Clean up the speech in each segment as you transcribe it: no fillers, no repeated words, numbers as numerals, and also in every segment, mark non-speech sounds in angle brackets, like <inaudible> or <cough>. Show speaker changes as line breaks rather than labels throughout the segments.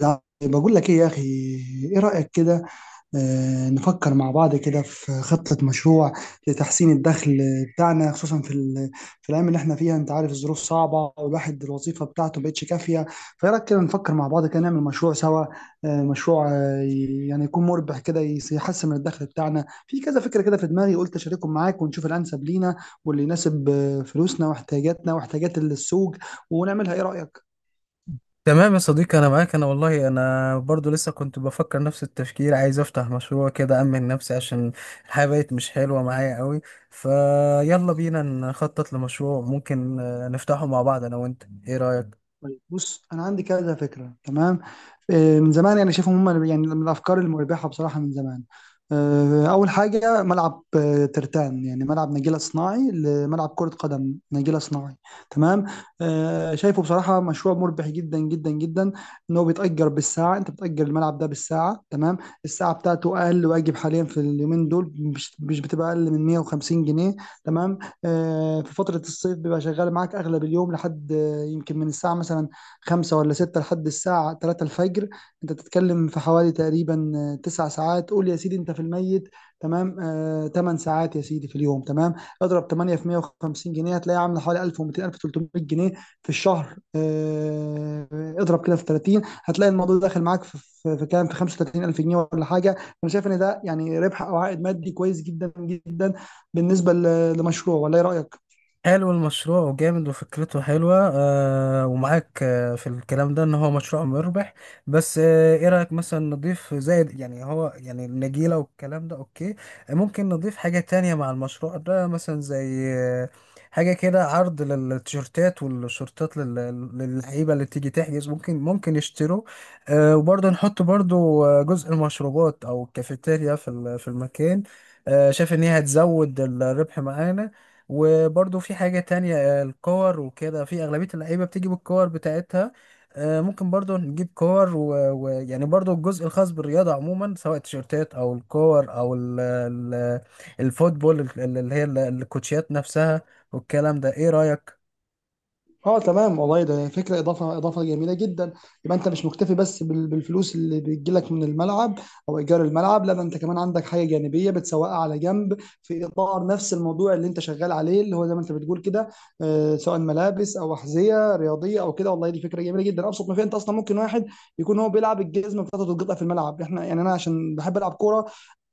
لأ، باقول لك إيه يا أخي. إيه رأيك كده؟ نفكر مع بعض كده في خطة مشروع لتحسين الدخل بتاعنا، خصوصا في الأيام اللي احنا فيها. أنت عارف الظروف صعبة والواحد الوظيفة بتاعته مبقتش كافية. فإيه رأيك كده نفكر مع بعض كده نعمل مشروع سوا؟ مشروع، يعني يكون مربح كده، يحسن من الدخل بتاعنا. في كذا فكرة كده في دماغي، قلت أشاركهم معاك ونشوف الأنسب لينا واللي يناسب فلوسنا واحتياجاتنا واحتياجات السوق ونعملها. إيه رأيك؟
تمام يا صديقي، انا معاك. انا والله انا برضو لسه كنت بفكر نفس التفكير، عايز افتح مشروع كده امن نفسي، عشان الحياة بقت مش حلوة معايا قوي. فيلا بينا نخطط لمشروع ممكن نفتحه مع بعض، انا وانت. ايه رأيك؟
طيب بص، انا عندي كذا فكره، تمام. من زمان يعني شايفهم، هم يعني من الافكار المربحه بصراحه من زمان. اول حاجه ملعب، ترتان، يعني ملعب نجيله صناعي، لملعب كره قدم نجيله صناعي، تمام. شايفه بصراحه مشروع مربح جدا جدا جدا. ان هو بيتاجر بالساعه، انت بتاجر الملعب ده بالساعه، تمام. الساعه بتاعته اقل واجب حاليا في اليومين دول، مش بتبقى اقل من 150 جنيه، تمام. في فتره الصيف بيبقى شغال معاك اغلب اليوم، لحد يمكن من الساعة مثلا خمسة ولا ستة لحد الساعة تلاتة الفجر. أنت بتتكلم في حوالي تقريبا 9 ساعات، قول يا سيدي أنت في الميت، تمام، 8 ساعات يا سيدي في اليوم، تمام. اضرب 8 في 150 جنيه، هتلاقي عاملة حوالي 1200 1300 جنيه في الشهر. اضرب كده في 30، هتلاقي الموضوع داخل معاك في كام، في 35,000 جنيه ولا حاجة. أنا شايف إن ده يعني ربح أو عائد مادي كويس جدا جدا بالنسبة لمشروع، ولا إيه رأيك؟
حلو المشروع وجامد وفكرته حلوة، ومعاك في الكلام ده ان هو مشروع مربح. بس ايه رأيك مثلا نضيف زائد، يعني هو يعني النجيلة والكلام ده اوكي. ممكن نضيف حاجة تانية مع المشروع ده، مثلا زي حاجة كده، عرض للتيشيرتات والشورتات للعيبة اللي تيجي تحجز، ممكن يشتروا. وبرضه نحط برضه، جزء المشروبات او الكافيتيريا في المكان. شايف ان هي هتزود الربح معانا. وبرضه في حاجة تانية، الكور وكده، في أغلبية اللعيبة بتيجي بالكور بتاعتها. ممكن برضه نجيب كور، يعني برضه الجزء الخاص بالرياضة عموما، سواء التيشيرتات أو الكور أو الفوتبول، اللي هي الكوتشيات نفسها والكلام ده. إيه رأيك؟
اه تمام، والله ده فكره، اضافه اضافه جميله جدا. يبقى انت مش مكتفي بس بالفلوس اللي بتجيلك من الملعب او ايجار الملعب، لا ده انت كمان عندك حاجه جانبيه بتسوقها على جنب، في اطار نفس الموضوع اللي انت شغال عليه، اللي هو زي ما انت بتقول كده، سواء ملابس او احذيه رياضيه او كده. والله دي فكره جميله جدا. ابسط ما فيها، انت اصلا ممكن واحد يكون هو بيلعب الجزمه بتاعته تتقطع في الملعب. احنا يعني، انا عشان بحب العب كوره،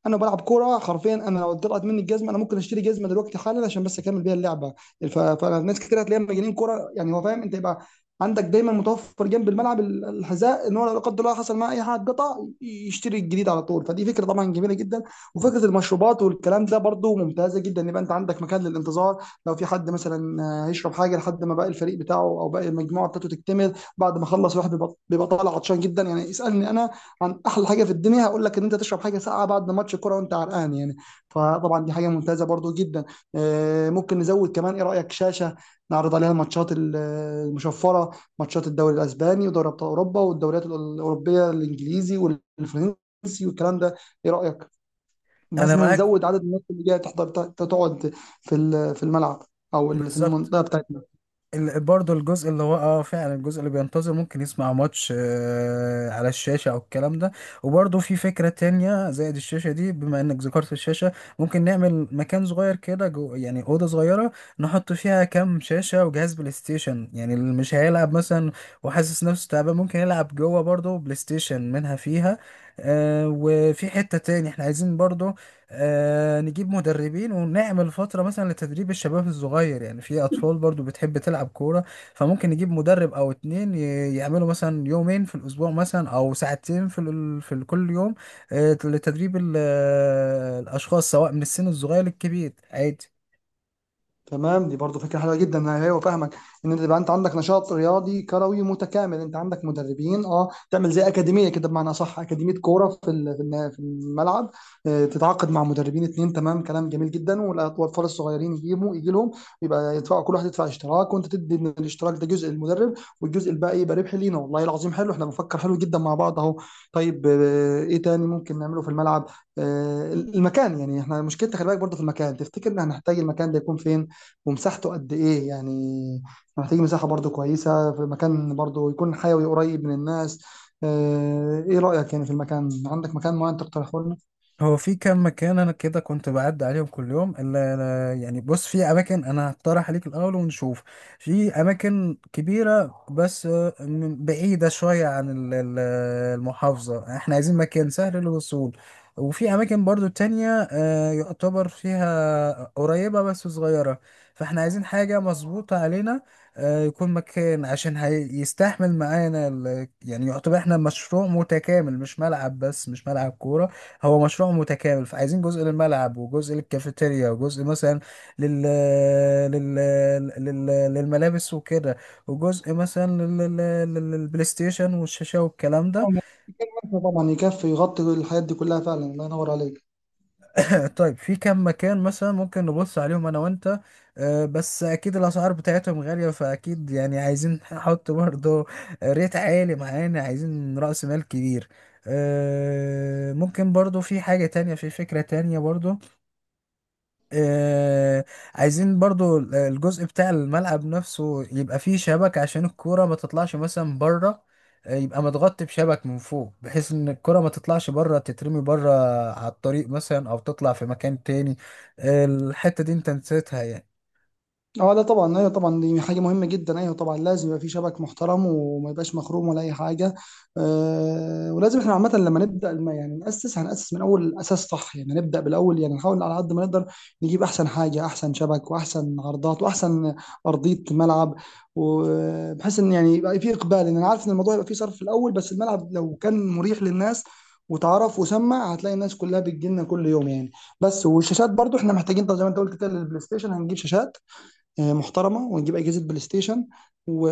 انا بلعب كوره حرفيا، انا لو طلعت مني الجزمه انا ممكن اشتري جزمه دلوقتي حالا عشان بس اكمل بيها اللعبه. فناس كتير هتلاقيها مجانين كوره، يعني هو فاهم انت. يبقى عندك دايما متوفر جنب الملعب الحذاء، ان هو لو لا قدر الله حصل معاه اي حاجه قطع يشتري الجديد على طول. فدي فكره طبعا جميله جدا. وفكره المشروبات والكلام ده برضو ممتازه جدا، ان يبقى انت عندك مكان للانتظار، لو في حد مثلا هيشرب حاجه لحد ما باقي الفريق بتاعه او باقي المجموعه بتاعته تكتمل. بعد ما خلص الواحد بيبقى طالع عطشان جدا، يعني اسالني انا عن احلى حاجه في الدنيا هقول لك ان انت تشرب حاجه ساقعه بعد ماتش كوره وانت عرقان يعني. فطبعا دي حاجه ممتازه برضو جدا. ممكن نزود كمان، ايه رايك شاشه نعرض عليها الماتشات المشفره، ماتشات الدوري الاسباني ودوري ابطال اوروبا والدوريات الاوروبيه، الانجليزي والفرنسي والكلام ده. ايه رايك، بس
أنا
إن احنا
معاك.
نزود عدد الناس اللي جايه تحضر تقعد في الملعب، او في
بالظبط.
المنطقه بتاعتنا.
برضه الجزء اللي هو فعلا، الجزء اللي بينتظر ممكن يسمع ماتش على الشاشة او الكلام ده. وبرضه في فكرة تانية زائد الشاشة دي، بما انك ذكرت الشاشة، ممكن نعمل مكان صغير كده جو، يعني أوضة صغيرة. نحط فيها كام شاشة وجهاز بلاي ستيشن، يعني اللي مش هيلعب مثلا وحاسس نفسه تعبان ممكن يلعب جوه برضه بلاي ستيشن، منها فيها. وفي حتة تاني احنا عايزين برضه نجيب مدربين ونعمل فترة مثلا لتدريب الشباب الصغير، يعني في أطفال برضو بتحب تلعب كورة. فممكن نجيب مدرب أو اتنين يعملوا مثلا يومين في الأسبوع، مثلا أو ساعتين في كل يوم. لتدريب ال... آه، الأشخاص، سواء من السن الصغير للكبير، عادي.
تمام، دي برضو فكره حلوه جدا. انا ايوه فاهمك، ان انت يبقى انت عندك نشاط رياضي كروي متكامل، انت عندك مدربين، اه تعمل زي اكاديميه كده بمعنى صح، اكاديميه كوره في الملعب. تتعاقد مع مدربين اتنين، تمام، كلام جميل جدا. والاطفال الصغيرين يجيبوا يجي لهم، يبقى يدفعوا، كل واحد يدفع اشتراك وانت تدي من الاشتراك ده جزء للمدرب والجزء الباقي يبقى ربح لينا. والله العظيم حلو، احنا بنفكر حلو جدا مع بعض اهو. طيب ايه تاني ممكن نعمله في الملعب؟ المكان، يعني احنا مشكلتنا خلي بالك برضو في المكان. تفتكر ان هنحتاج المكان ده يكون فين ومساحته قد ايه يعني؟ إحنا محتاجين مساحة برضو كويسة، في مكان برضو يكون حيوي قريب من الناس. ايه رأيك يعني في المكان؟ عندك مكان معين تقترحه لنا؟
هو في كام مكان، انا كده كنت بعدي عليهم كل يوم الا يعني بص، في اماكن انا هقترح عليك الاول ونشوف. في اماكن كبيره، بس بعيده شويه عن المحافظه. احنا عايزين مكان سهل للوصول. وفي اماكن برضو تانية، يعتبر فيها قريبه بس صغيره. فاحنا عايزين حاجه مظبوطه علينا. يكون مكان عشان هيستحمل معانا يعني، يعتبر احنا مشروع متكامل، مش ملعب بس، مش ملعب كوره. هو مشروع متكامل. فعايزين جزء للملعب وجزء للكافيتيريا وجزء مثلا لل... لل... لل... للملابس وكده، وجزء مثلا للبلاي ستيشن والشاشة والكلام
آه،
ده.
مكان واسع طبعا يكفي يغطي الحاجات دي كلها، فعلا الله ينور عليك.
<laughs> طيب، في كم مكان مثلا ممكن نبص عليهم انا وانت؟ بس اكيد الاسعار بتاعتهم غالية، فاكيد يعني عايزين نحط برضه ريت عالي معانا، عايزين رأس مال كبير. ممكن برضه في فكرة تانية برضه. آه، عايزين برضو الجزء بتاع الملعب نفسه يبقى فيه شبك، عشان الكورة ما تطلعش مثلا بره. يبقى متغطي بشبك من فوق، بحيث ان الكرة ما تطلعش بره تترمي بره على الطريق مثلا، او تطلع في مكان تاني. الحتة دي انت نسيتها يعني.
اه لا طبعا، ايوه طبعا، دي حاجه مهمه جدا. ايوه طبعا لازم يبقى في شبك محترم وما يبقاش مخروم ولا اي حاجه. أه، ولازم احنا عامه لما نبدا يعني هناسس من اول الاساس صح، يعني نبدا بالاول، يعني نحاول على قد ما نقدر نجيب احسن حاجه، احسن شبك واحسن عرضات واحسن ارضيه ملعب، وبحيث ان يعني يبقى في اقبال. لان انا عارف ان الموضوع يبقى فيه صرف في الاول، بس الملعب لو كان مريح للناس وتعرف وسمع هتلاقي الناس كلها بتجيلنا كل يوم يعني. بس والشاشات برضو احنا محتاجين، طب زي ما انت قلت كده للبلاي ستيشن، هنجيب شاشات محترمه ونجيب اجهزه بلاي ستيشن و...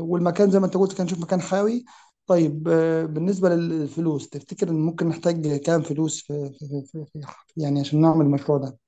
والمكان زي ما انت قلت كان نشوف مكان حيوي. طيب بالنسبه للفلوس، تفتكر ان ممكن نحتاج كام فلوس يعني عشان نعمل المشروع ده؟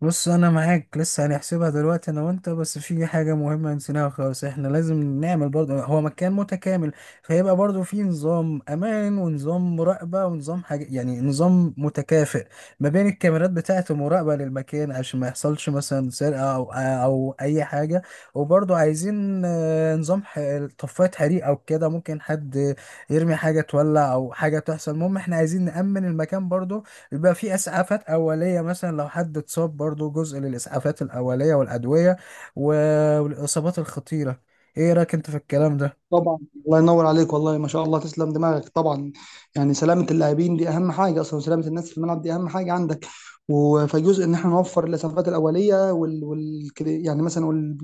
بص، انا معاك. لسه هنحسبها دلوقتي انا وانت. بس في حاجه مهمه نسيناها خالص، احنا لازم نعمل برضه، هو مكان متكامل. فيبقى برضه في نظام امان ونظام مراقبه ونظام حاجه، يعني نظام متكافئ ما بين الكاميرات بتاعه المراقبه للمكان، عشان ما يحصلش مثلا سرقه او اي حاجه. وبرضه عايزين طفايه حريق او كده، ممكن حد يرمي حاجه تولع او حاجه تحصل. المهم احنا عايزين نامن المكان برضه. بيبقى في اسعافات اوليه، مثلا لو حد اتصاب برضو جزء للاسعافات الاوليه والادويه والاصابات الخطيره. ايه رايك انت في الكلام ده؟
طبعا الله ينور عليك، والله ما شاء الله تسلم دماغك. طبعا، يعني سلامة اللاعبين دي أهم حاجة أصلا، سلامة الناس في الملعب دي أهم حاجة عندك. فجزء إن إحنا نوفر الإسعافات الأولية كده يعني مثلا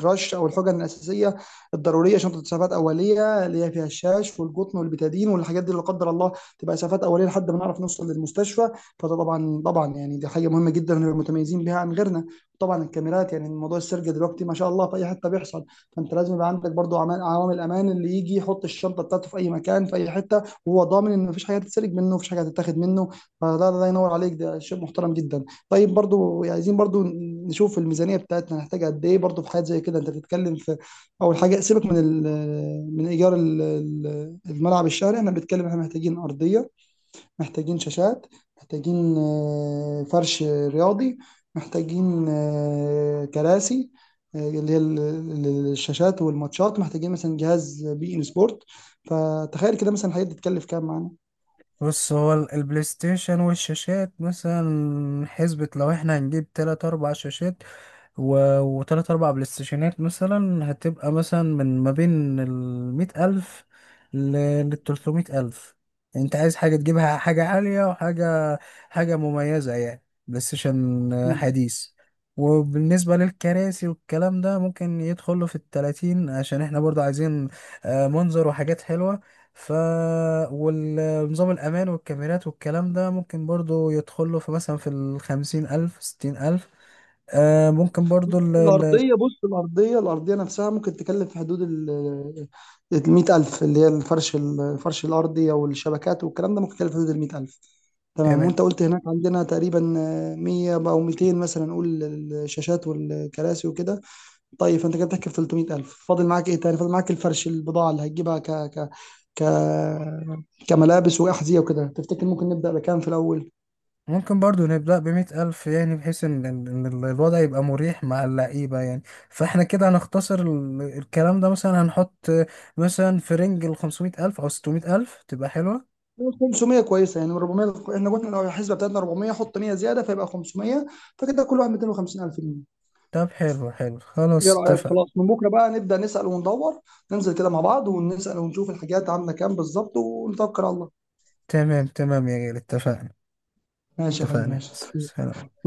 الرش أو الحقن الأساسية الضرورية، شنطة إسعافات أولية اللي هي فيها الشاش والقطن والبتادين والحاجات دي، لا قدر الله، تبقى إسعافات أولية لحد ما نعرف نوصل للمستشفى. فده طبعا طبعا يعني دي حاجة مهمة جدا ونبقى متميزين بيها عن غيرنا. طبعا الكاميرات، يعني موضوع السرقة دلوقتي ما شاء الله في أي حتة بيحصل، فانت لازم يبقى عندك برضو عوامل امان، اللي يجي يحط الشنطه بتاعته في اي مكان في اي حته وهو ضامن ان مفيش حاجه هتتسرق منه، مفيش حاجه هتتاخد منه. فده الله ينور عليك، ده شيء محترم جدا. طيب برضو عايزين برضو نشوف الميزانيه بتاعتنا هنحتاج قد ايه. برضو في حاجات زي كده انت بتتكلم في، اول حاجه سيبك من ايجار الملعب الشهري، انا بتكلم احنا محتاجين ارضيه، محتاجين شاشات، محتاجين فرش رياضي، محتاجين كراسي، اللي هي الشاشات والماتشات، محتاجين مثلا جهاز بي ان سبورت. فتخيل كده مثلا الحاجات دي تكلف كام معانا؟
بص، هو البلاي ستيشن والشاشات، مثلا حسبة لو احنا هنجيب تلات اربع شاشات و... وتلات أربع بلاي ستيشنات، مثلا هتبقى مثلا من ما بين 100 ألف لـ300 ألف. أنت عايز حاجة تجيبها، حاجة عالية وحاجة مميزة، يعني بلاي ستيشن
مم.
حديث. وبالنسبة للكراسي والكلام ده، ممكن يدخله في التلاتين، عشان احنا برضو عايزين منظر وحاجات حلوة. ف والنظام الأمان والكاميرات والكلام ده، ممكن برضو يدخله في مثلا في الـ50 ألف 60 ألف. ممكن برضو ال ال
الأرضية بص، الأرضية نفسها ممكن تكلف في حدود المية ألف، اللي هي الفرش، الأرضي أو الشبكات والكلام ده ممكن يكلف في حدود المية ألف، تمام.
تمام.
وأنت قلت هناك عندنا تقريبا مية أو ميتين مثلا نقول، الشاشات والكراسي وكده. طيب فانت كده بتحكي في 300,000. فاضل معاك ايه تاني؟ فاضل معاك الفرش، البضاعه اللي هتجيبها ك ك ك كملابس واحذيه وكده. تفتكر ممكن نبدا بكام في الاول؟
ممكن برضو نبدأ بـ100 ألف، يعني بحيث إن الوضع يبقى مريح مع اللعيبة يعني. فإحنا كده هنختصر الكلام ده، مثلا هنحط مثلا في رينج الـ500 ألف أو 600 ألف تبقى حلوة.
500 كويسه، يعني من 400. احنا قلنا لو الحسبه بتاعتنا 400، حط 100 زياده فيبقى 500، فكده كل واحد 250,000 جنيه.
طب، حلو حلو،
ايه
خلاص
رايك؟
اتفق.
خلاص من بكره بقى نبدا نسال وندور، ننزل كده مع بعض ونسال ونشوف الحاجات عامله كام بالظبط ونتوكل على الله.
تمام تمام يا جيل، اتفقنا.
ماشي يا حبيبي،
اتفقنا.
ماشي. مع
سلام.